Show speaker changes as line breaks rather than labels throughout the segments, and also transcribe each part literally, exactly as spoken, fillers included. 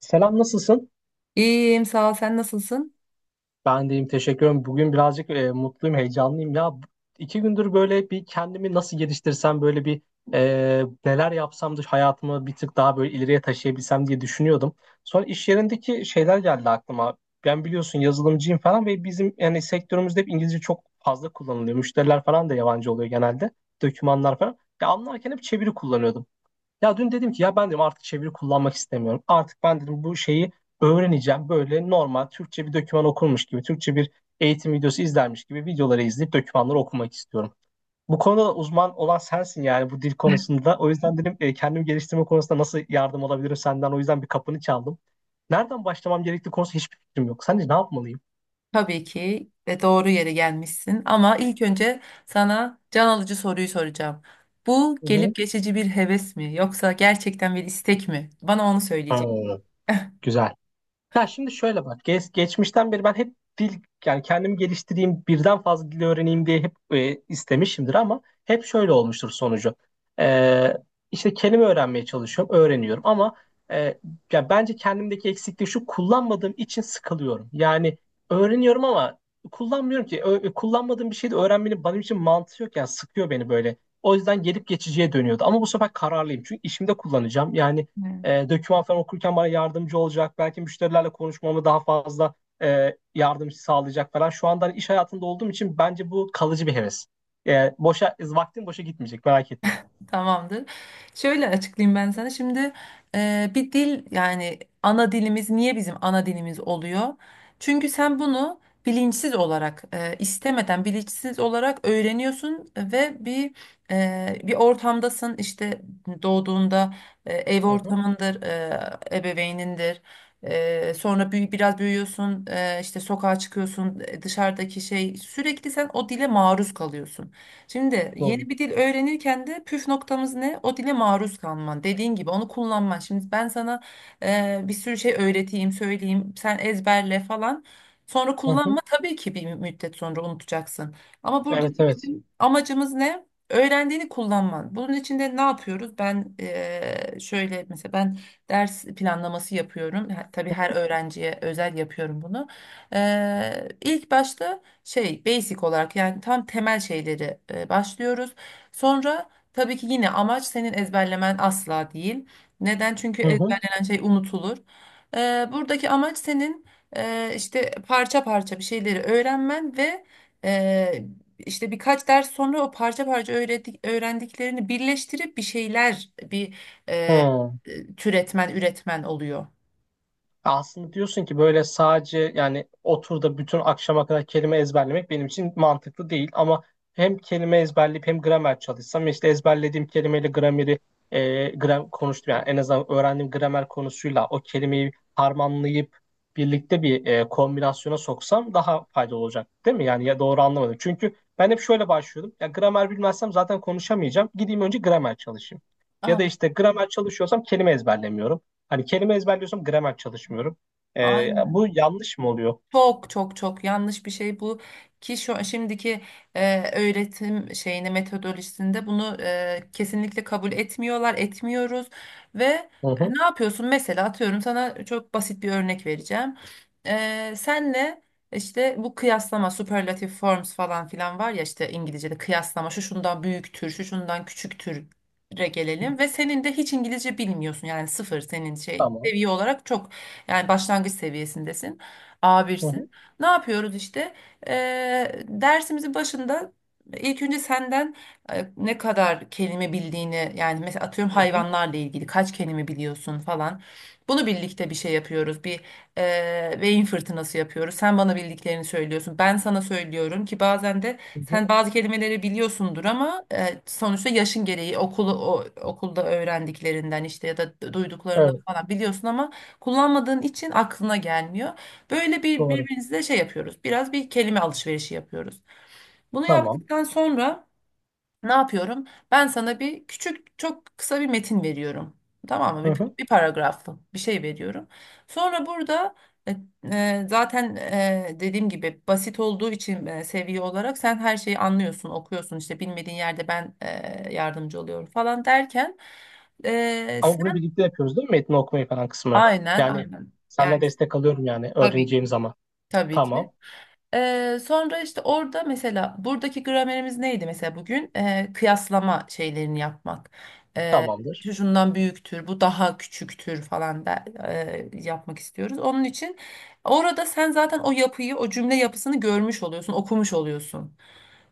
Selam, nasılsın?
İyiyim, sağ ol. Sen nasılsın?
Ben deyim teşekkür ederim. Bugün birazcık e, mutluyum, heyecanlıyım ya. Bu- İki gündür böyle bir kendimi nasıl geliştirsem, böyle bir e, neler yapsam da hayatımı bir tık daha böyle ileriye taşıyabilsem diye düşünüyordum. Sonra iş yerindeki şeyler geldi aklıma. Ben biliyorsun yazılımcıyım falan, ve bizim yani sektörümüzde hep İngilizce çok fazla kullanılıyor. Müşteriler falan da yabancı oluyor genelde. Dokümanlar falan. Ya anlarken hep çeviri kullanıyordum. Ya dün dedim ki ya ben dedim artık çeviri kullanmak istemiyorum. Artık ben dedim bu şeyi öğreneceğim. Böyle normal Türkçe bir doküman okurmuş gibi, Türkçe bir eğitim videosu izlermiş gibi videoları izleyip dokümanları okumak istiyorum. Bu konuda da uzman olan sensin, yani bu dil konusunda. O yüzden dedim e, kendimi geliştirme konusunda nasıl yardım alabilirim senden. O yüzden bir kapını çaldım. Nereden başlamam gerektiği konusunda hiçbir fikrim yok. Sence ne yapmalıyım?
Tabii ki ve doğru yere gelmişsin. Ama ilk önce sana can alıcı soruyu soracağım. Bu
Hı
gelip
hı.
geçici bir heves mi yoksa gerçekten bir istek mi? Bana onu söyleyecek.
Hmm, güzel. Ya şimdi şöyle bak, geç, geçmişten beri ben hep dil, yani kendimi geliştireyim, birden fazla dil öğreneyim diye hep e, istemişimdir, ama hep şöyle olmuştur sonucu. Ee, işte kelime öğrenmeye çalışıyorum, öğreniyorum, ama e, ya bence kendimdeki eksiklik şu: kullanmadığım için sıkılıyorum. Yani öğreniyorum ama kullanmıyorum ki. Ö- kullanmadığım bir şeyi de öğrenmenin benim için mantığı yok, yani sıkıyor beni böyle. O yüzden gelip geçiciye dönüyordu. Ama bu sefer kararlıyım, çünkü işimde kullanacağım. Yani e, doküman falan okurken bana yardımcı olacak. Belki müşterilerle konuşmamı daha fazla e, yardımcı sağlayacak falan. Şu anda hani iş hayatında olduğum için bence bu kalıcı bir heves. E, boşa vaktim boşa gitmeyecek, merak etme.
Tamamdır. Şöyle açıklayayım ben sana. Şimdi e, bir dil yani ana dilimiz niye bizim ana dilimiz oluyor? Çünkü sen bunu bilinçsiz olarak e, istemeden bilinçsiz olarak öğreniyorsun ve bir e, bir ortamdasın. İşte doğduğunda e, ev
Hı hı.
ortamındır, e, ebeveynindir. E, sonra büyü, biraz büyüyorsun, e, işte sokağa çıkıyorsun, e, dışarıdaki şey sürekli sen o dile maruz kalıyorsun. Şimdi
Doğru.
yeni bir dil öğrenirken de püf noktamız ne? O dile maruz kalman. Dediğin gibi onu kullanman. Şimdi ben sana e, bir sürü şey öğreteyim, söyleyeyim, sen ezberle falan. Sonra
Hı
kullanma
hı.
tabii ki bir müddet sonra unutacaksın. Ama
Evet,
buradaki
evet.
bizim amacımız ne? Öğrendiğini kullanman. Bunun için de ne yapıyoruz? Ben e, şöyle mesela ben ders planlaması yapıyorum. Ha- Tabii her öğrenciye özel yapıyorum bunu. E, ilk başta şey basic olarak yani tam temel şeyleri e, başlıyoruz. Sonra tabii ki yine amaç senin ezberlemen asla değil. Neden? Çünkü
Hı hı.
ezberlenen şey unutulur. E, buradaki amaç senin e, işte parça parça bir şeyleri öğrenmen ve e, işte birkaç ders sonra o parça parça öğredik, öğrendiklerini birleştirip bir şeyler bir e,
Hı.
e, türetmen, üretmen oluyor.
Aslında diyorsun ki böyle sadece yani otur da bütün akşama kadar kelime ezberlemek benim için mantıklı değil, ama hem kelime ezberleyip hem gramer çalışsam, işte ezberlediğim kelimeyle grameri, e, gram konuştum yani, en azından öğrendiğim gramer konusuyla o kelimeyi harmanlayıp birlikte bir e, kombinasyona soksam daha faydalı olacak değil mi? Yani ya doğru anlamadım. Çünkü ben hep şöyle başlıyordum. Ya gramer bilmezsem zaten konuşamayacağım. Gideyim önce gramer çalışayım. Ya
Ah,
da işte gramer çalışıyorsam kelime ezberlemiyorum. Hani kelime ezberliyorsam gramer çalışmıyorum. Ee,
aynen.
bu yanlış mı oluyor?
Çok çok çok yanlış bir şey bu ki şu şimdiki e, öğretim şeyini metodolojisinde bunu e, kesinlikle kabul etmiyorlar, etmiyoruz ve e,
Hı hı.
ne yapıyorsun? Mesela atıyorum sana çok basit bir örnek vereceğim. E, senle işte bu kıyaslama, superlative forms falan filan var ya işte İngilizce'de kıyaslama şu şundan büyüktür, şu şundan küçüktür
Hı hı.
gelelim ve senin de hiç İngilizce bilmiyorsun yani sıfır senin şey
Tamam.
seviye olarak çok yani başlangıç seviyesindesin.
Hı
A birsin.
hı.
Ne yapıyoruz işte? Eee dersimizin başında ilk önce senden e, ne kadar kelime bildiğini yani mesela atıyorum
Hı hı.
hayvanlarla ilgili kaç kelime biliyorsun falan. Bunu birlikte bir şey yapıyoruz. Bir eee beyin fırtınası yapıyoruz. Sen bana bildiklerini söylüyorsun. Ben sana söylüyorum ki bazen de
Hı hı.
sen bazı kelimeleri biliyorsundur ama e, sonuçta yaşın gereği okulu o, okulda öğrendiklerinden işte ya da duyduklarından
Evet,
falan biliyorsun ama kullanmadığın için aklına gelmiyor. Böyle bir
doğru.
birbirimizle şey yapıyoruz. Biraz bir kelime alışverişi yapıyoruz. Bunu
Tamam.
yaptıktan sonra ne yapıyorum? Ben sana bir küçük, çok kısa bir metin veriyorum. Tamam mı?
Hı
Bir,
hı.
bir paragraflı bir şey veriyorum. Sonra burada e, e, zaten e, dediğim gibi basit olduğu için e, seviye olarak sen her şeyi anlıyorsun, okuyorsun. İşte bilmediğin yerde ben e, yardımcı oluyorum falan derken e,
Ama bunu
sen
birlikte yapıyoruz değil mi? Metni okumayı falan kısmına.
aynen,
Yani
aynen.
senden
Yani
destek alıyorum yani
tabii ki,
öğreneceğim zaman.
tabii ki.
Tamam.
Ee, sonra işte orada mesela buradaki gramerimiz neydi mesela bugün? Ee, kıyaslama şeylerini yapmak. Ee,
Tamamdır.
Şu şundan büyüktür, bu daha küçüktür falan da e, yapmak istiyoruz. Onun için orada sen zaten o yapıyı, o cümle yapısını görmüş oluyorsun, okumuş oluyorsun.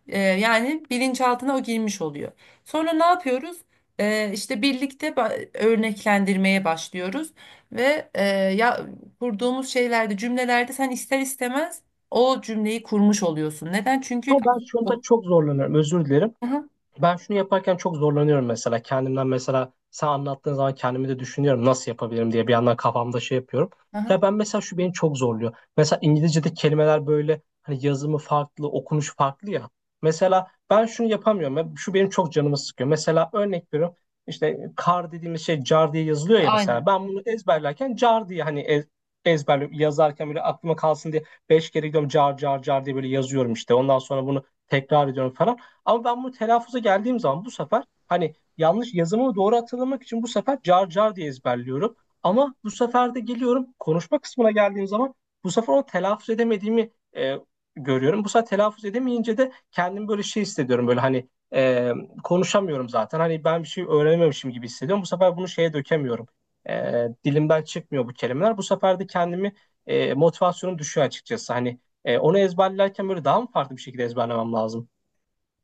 Ee, yani bilinçaltına o girmiş oluyor. Sonra ne yapıyoruz? Ee, işte birlikte ba- örneklendirmeye başlıyoruz ve e, ya kurduğumuz şeylerde, cümlelerde sen ister istemez o cümleyi kurmuş oluyorsun. Neden? Çünkü
Ama ben şunda
o-
çok zorlanıyorum. Özür dilerim.
Aha,
Ben şunu yaparken çok zorlanıyorum mesela. Kendimden mesela, sen anlattığın zaman kendimi de düşünüyorum nasıl yapabilirim diye, bir yandan kafamda şey yapıyorum.
aha,
Ya ben mesela şu beni çok zorluyor. Mesela İngilizce'de kelimeler böyle hani yazımı farklı, okunuş farklı ya. Mesela ben şunu yapamıyorum. Ya şu benim çok canımı sıkıyor. Mesela örnek veriyorum. İşte kar dediğimiz şey car diye yazılıyor ya mesela.
aynen.
Ben bunu ezberlerken car diye hani ez, ezberliyorum. Yazarken böyle aklıma kalsın diye beş kere gidiyorum car car car diye böyle yazıyorum işte. Ondan sonra bunu tekrar ediyorum falan. Ama ben bunu telaffuza geldiğim zaman bu sefer hani yanlış yazımı doğru hatırlamak için bu sefer car car diye ezberliyorum. Ama bu sefer de geliyorum, konuşma kısmına geldiğim zaman bu sefer onu telaffuz edemediğimi e, görüyorum. Bu sefer telaffuz edemeyince de kendimi böyle şey hissediyorum, böyle hani e, konuşamıyorum zaten. Hani ben bir şey öğrenememişim gibi hissediyorum. Bu sefer bunu şeye dökemiyorum. E, dilimden çıkmıyor bu kelimeler. Bu sefer de kendimi e, motivasyonum düşüyor açıkçası. Hani e, onu ezberlerken böyle daha mı farklı bir şekilde ezberlemem lazım?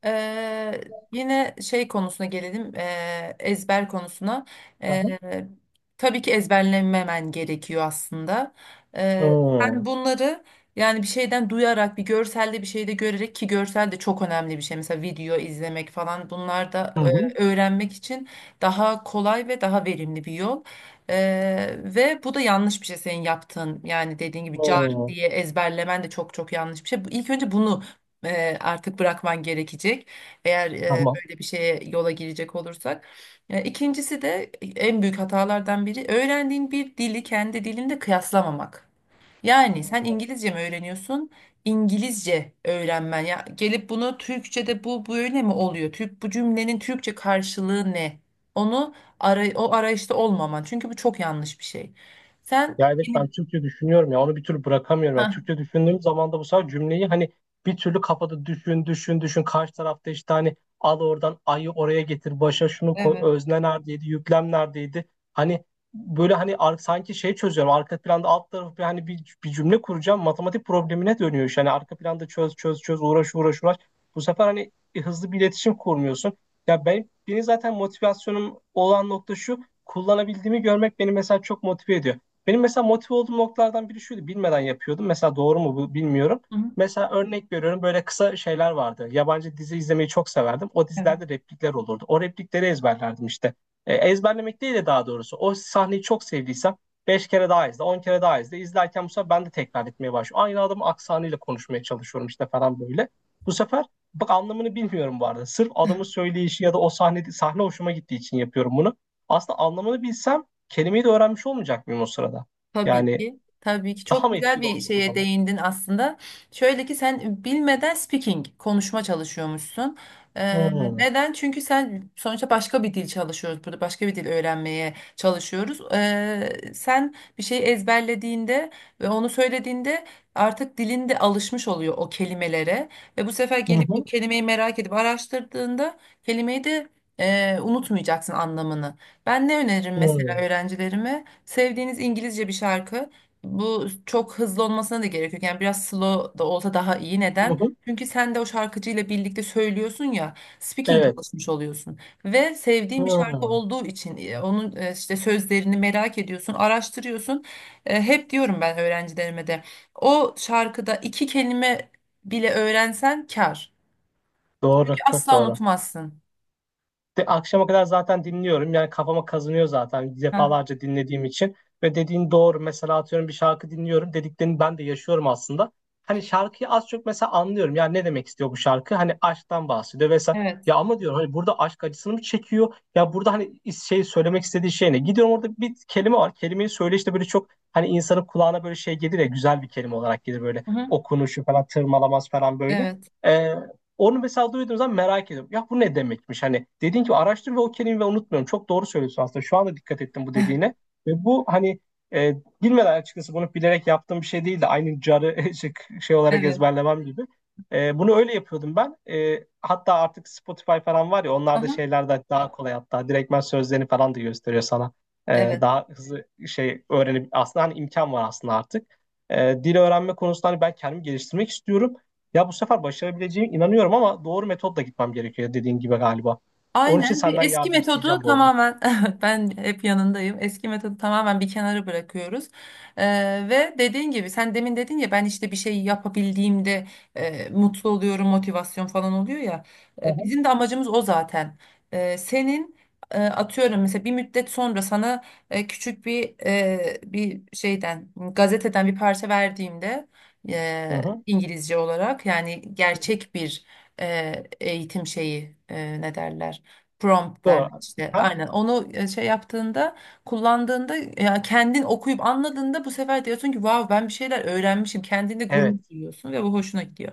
Eee, yine şey konusuna gelelim, eee, ezber konusuna. Eee, tabii ki ezberlememen gerekiyor aslında.
Hı.
Eee sen
Hı
bunları yani bir şeyden duyarak, bir görselde bir şeyde görerek ki görsel de çok önemli bir şey. Mesela video izlemek falan bunlar da
hı.
eee, öğrenmek için daha kolay ve daha verimli bir yol. Eee, ve bu da yanlış bir şey senin yaptığın. Yani dediğin gibi car
Hı,
diye ezberlemen de çok çok yanlış bir şey. Bu- İlk önce bunu e, artık bırakman gerekecek. Eğer e,
tamam.
böyle bir şeye yola girecek olursak. E, İkincisi de en büyük hatalardan biri öğrendiğin bir dili kendi dilinde kıyaslamamak. Yani sen
Hı.
İngilizce mi öğreniyorsun? İngilizce öğrenmen ya gelip bunu Türkçe'de bu böyle mi oluyor? Türk bu cümlenin Türkçe karşılığı ne? Onu ara, o arayışta olmaman. Çünkü bu çok yanlış bir şey. Sen
Ya evet,
yeni
ben Türkçe düşünüyorum ya, onu bir türlü bırakamıyorum. Yani
Hah,
Türkçe düşündüğüm zaman da bu sefer cümleyi hani bir türlü kafada düşün düşün düşün, karşı tarafta işte hani al oradan ayı oraya getir, başa şunu koy,
evet.
özne neredeydi, yüklem neredeydi. Hani böyle hani ar- sanki şey çözüyorum arka planda, alt tarafı bir hani bir, bir cümle kuracağım matematik problemine dönüyor iş. Hani arka planda çöz çöz çöz, uğraş uğraş uğraş, bu sefer hani hızlı bir iletişim kurmuyorsun. Ya ben, benim zaten motivasyonum olan nokta şu: kullanabildiğimi görmek beni mesela çok motive ediyor. Benim mesela motive olduğum noktalardan biri şuydu. Bilmeden yapıyordum. Mesela doğru mu bu, bilmiyorum.
Hı
Mesela örnek veriyorum, böyle kısa şeyler vardı. Yabancı dizi izlemeyi çok severdim. O
hı.
dizilerde replikler olurdu. O replikleri ezberlerdim işte. E, ezberlemek değil de daha doğrusu, o sahneyi çok sevdiysem beş kere daha izle, on kere daha izle. İzlerken bu sefer ben de tekrar etmeye başlıyorum. Aynı adamın aksanıyla konuşmaya çalışıyorum işte falan böyle. Bu sefer, bak anlamını bilmiyorum bu arada. Sırf adamın söyleyişi ya da o sahne, sahne hoşuma gittiği için yapıyorum bunu. Aslında anlamını bilsem kelimeyi de öğrenmiş olmayacak mıyım o sırada?
Tabii
Yani
ki. Tabii ki
daha
çok
mı
güzel
etkili
bir
olacak o
şeye
zaman?
değindin aslında. Şöyle ki sen bilmeden speaking, konuşma çalışıyormuşsun. Ee,
Hmm.
neden? Çünkü sen sonuçta başka bir dil çalışıyoruz burada. Başka bir dil öğrenmeye çalışıyoruz. Ee, sen bir şeyi ezberlediğinde ve onu söylediğinde artık dilin de alışmış oluyor o kelimelere. Ve bu sefer
Hı
gelip o
hı.
kelimeyi merak edip araştırdığında kelimeyi de e, unutmayacaksın anlamını. Ben ne öneririm mesela
Hı.
öğrencilerime? Sevdiğiniz İngilizce bir şarkı. Bu çok hızlı olmasına da gerek yok. Yani biraz slow da olsa daha iyi.
Hı hı.
Neden?
Hı.
Çünkü sen de o şarkıcıyla birlikte söylüyorsun ya, speaking
Evet.
çalışmış oluyorsun. Ve sevdiğin bir şarkı
Hı.
olduğu için e, onun e, işte sözlerini merak ediyorsun, araştırıyorsun. E, Hep diyorum ben öğrencilerime de o şarkıda iki kelime bile öğrensen kâr.
Doğru, çok
Asla
doğru.
unutmazsın.
De, akşama kadar zaten dinliyorum. Yani kafama kazınıyor zaten
Ha,
defalarca dinlediğim için. Ve dediğin doğru. Mesela atıyorum bir şarkı dinliyorum. Dediklerini ben de yaşıyorum aslında. Hani şarkıyı az çok mesela anlıyorum. Yani ne demek istiyor bu şarkı? Hani aşktan bahsediyor vesaire.
evet.
Ya ama diyorum hani burada aşk acısını mı çekiyor? Ya burada hani is- şey söylemek istediği şey ne? Gidiyorum, orada bir kelime var. Kelimeyi söyle işte, böyle çok hani insanın kulağına böyle şey gelir ya, güzel bir kelime olarak gelir, böyle
Hı hı.
okunuşu falan tırmalamaz falan böyle.
Evet.
Onu mesela duyduğum zaman merak ediyorum. Ya bu ne demekmiş? Hani dediğin gibi araştır, ve o kelimeyi unutmuyorum. Çok doğru söylüyorsun aslında. Şu anda dikkat ettim bu dediğine. Ve bu hani e, bilmeden, açıkçası bunu bilerek yaptığım bir şey değildi. Aynı carı şey- şey olarak
Evet.
ezberlemem gibi. E, bunu öyle yapıyordum ben. E, hatta artık Spotify falan var ya, onlarda
Aha,
şeyler de daha kolay hatta. Direktmen sözlerini falan da gösteriyor sana. E,
evet.
daha hızlı şey öğrenip aslında, hani imkan var aslında artık. E, dil öğrenme konusunda hani ben kendimi geliştirmek istiyorum. Ya bu sefer başarabileceğim inanıyorum, ama doğru metotla gitmem gerekiyor dediğin gibi galiba. Onun için
Aynen bir
senden
eski
yardım
metodu
isteyeceğim bol bol.
tamamen ben hep yanındayım. Eski metodu tamamen bir kenara bırakıyoruz. Ee, ve dediğin gibi sen demin dedin ya ben işte bir şey yapabildiğimde e, mutlu oluyorum, motivasyon falan oluyor ya.
Hı
E,
hı.
bizim de amacımız o zaten. E, senin e, atıyorum mesela bir müddet sonra sana e, küçük bir e, bir şeyden gazeteden bir parça verdiğimde
Hı
e,
hı.
İngilizce olarak yani gerçek bir e, eğitim şeyi e, ne derler? Prompt
Doğru.
derler işte.
Aha.
Aynen. Onu e, şey yaptığında, kullandığında ya kendin okuyup anladığında bu sefer diyorsun ki vav ben bir şeyler öğrenmişim. Kendinde gurur
Evet.
duyuyorsun ve bu hoşuna gidiyor.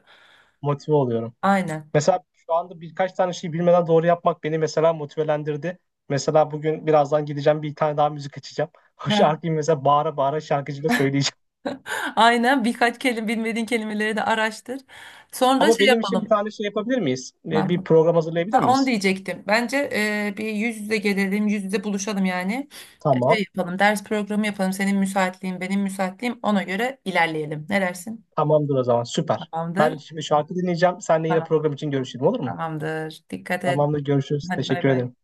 Motive oluyorum.
Aynen.
Mesela şu anda birkaç tane şey bilmeden doğru yapmak beni mesela motivelendirdi. Mesela bugün birazdan gideceğim, bir tane daha müzik açacağım. O
Heh.
şarkıyı mesela bağıra bağıra şarkıcıyla söyleyeceğim.
Aynen. Birkaç kelime bilmediğin kelimeleri de araştır. Sonra
Ama
şey
benim için bir
yapalım.
tane şey yapabilir miyiz?
Ne
Ee, Bir
yapalım?
program hazırlayabilir
Ha, onu
miyiz?
diyecektim. Bence e, bir yüz yüze gelelim, yüz yüze buluşalım yani. E,
Tamam.
Şey yapalım, ders programı yapalım. Senin müsaitliğin, benim müsaitliğim. Ona göre ilerleyelim. Ne dersin?
Tamamdır o zaman. Süper. Ben
Tamamdır.
şimdi şarkı dinleyeceğim. Seninle yine
Tamam.
program için görüşelim, olur mu?
Tamamdır. Dikkat et.
Tamamdır, görüşürüz.
Hadi bay
Teşekkür
bay.
ederim.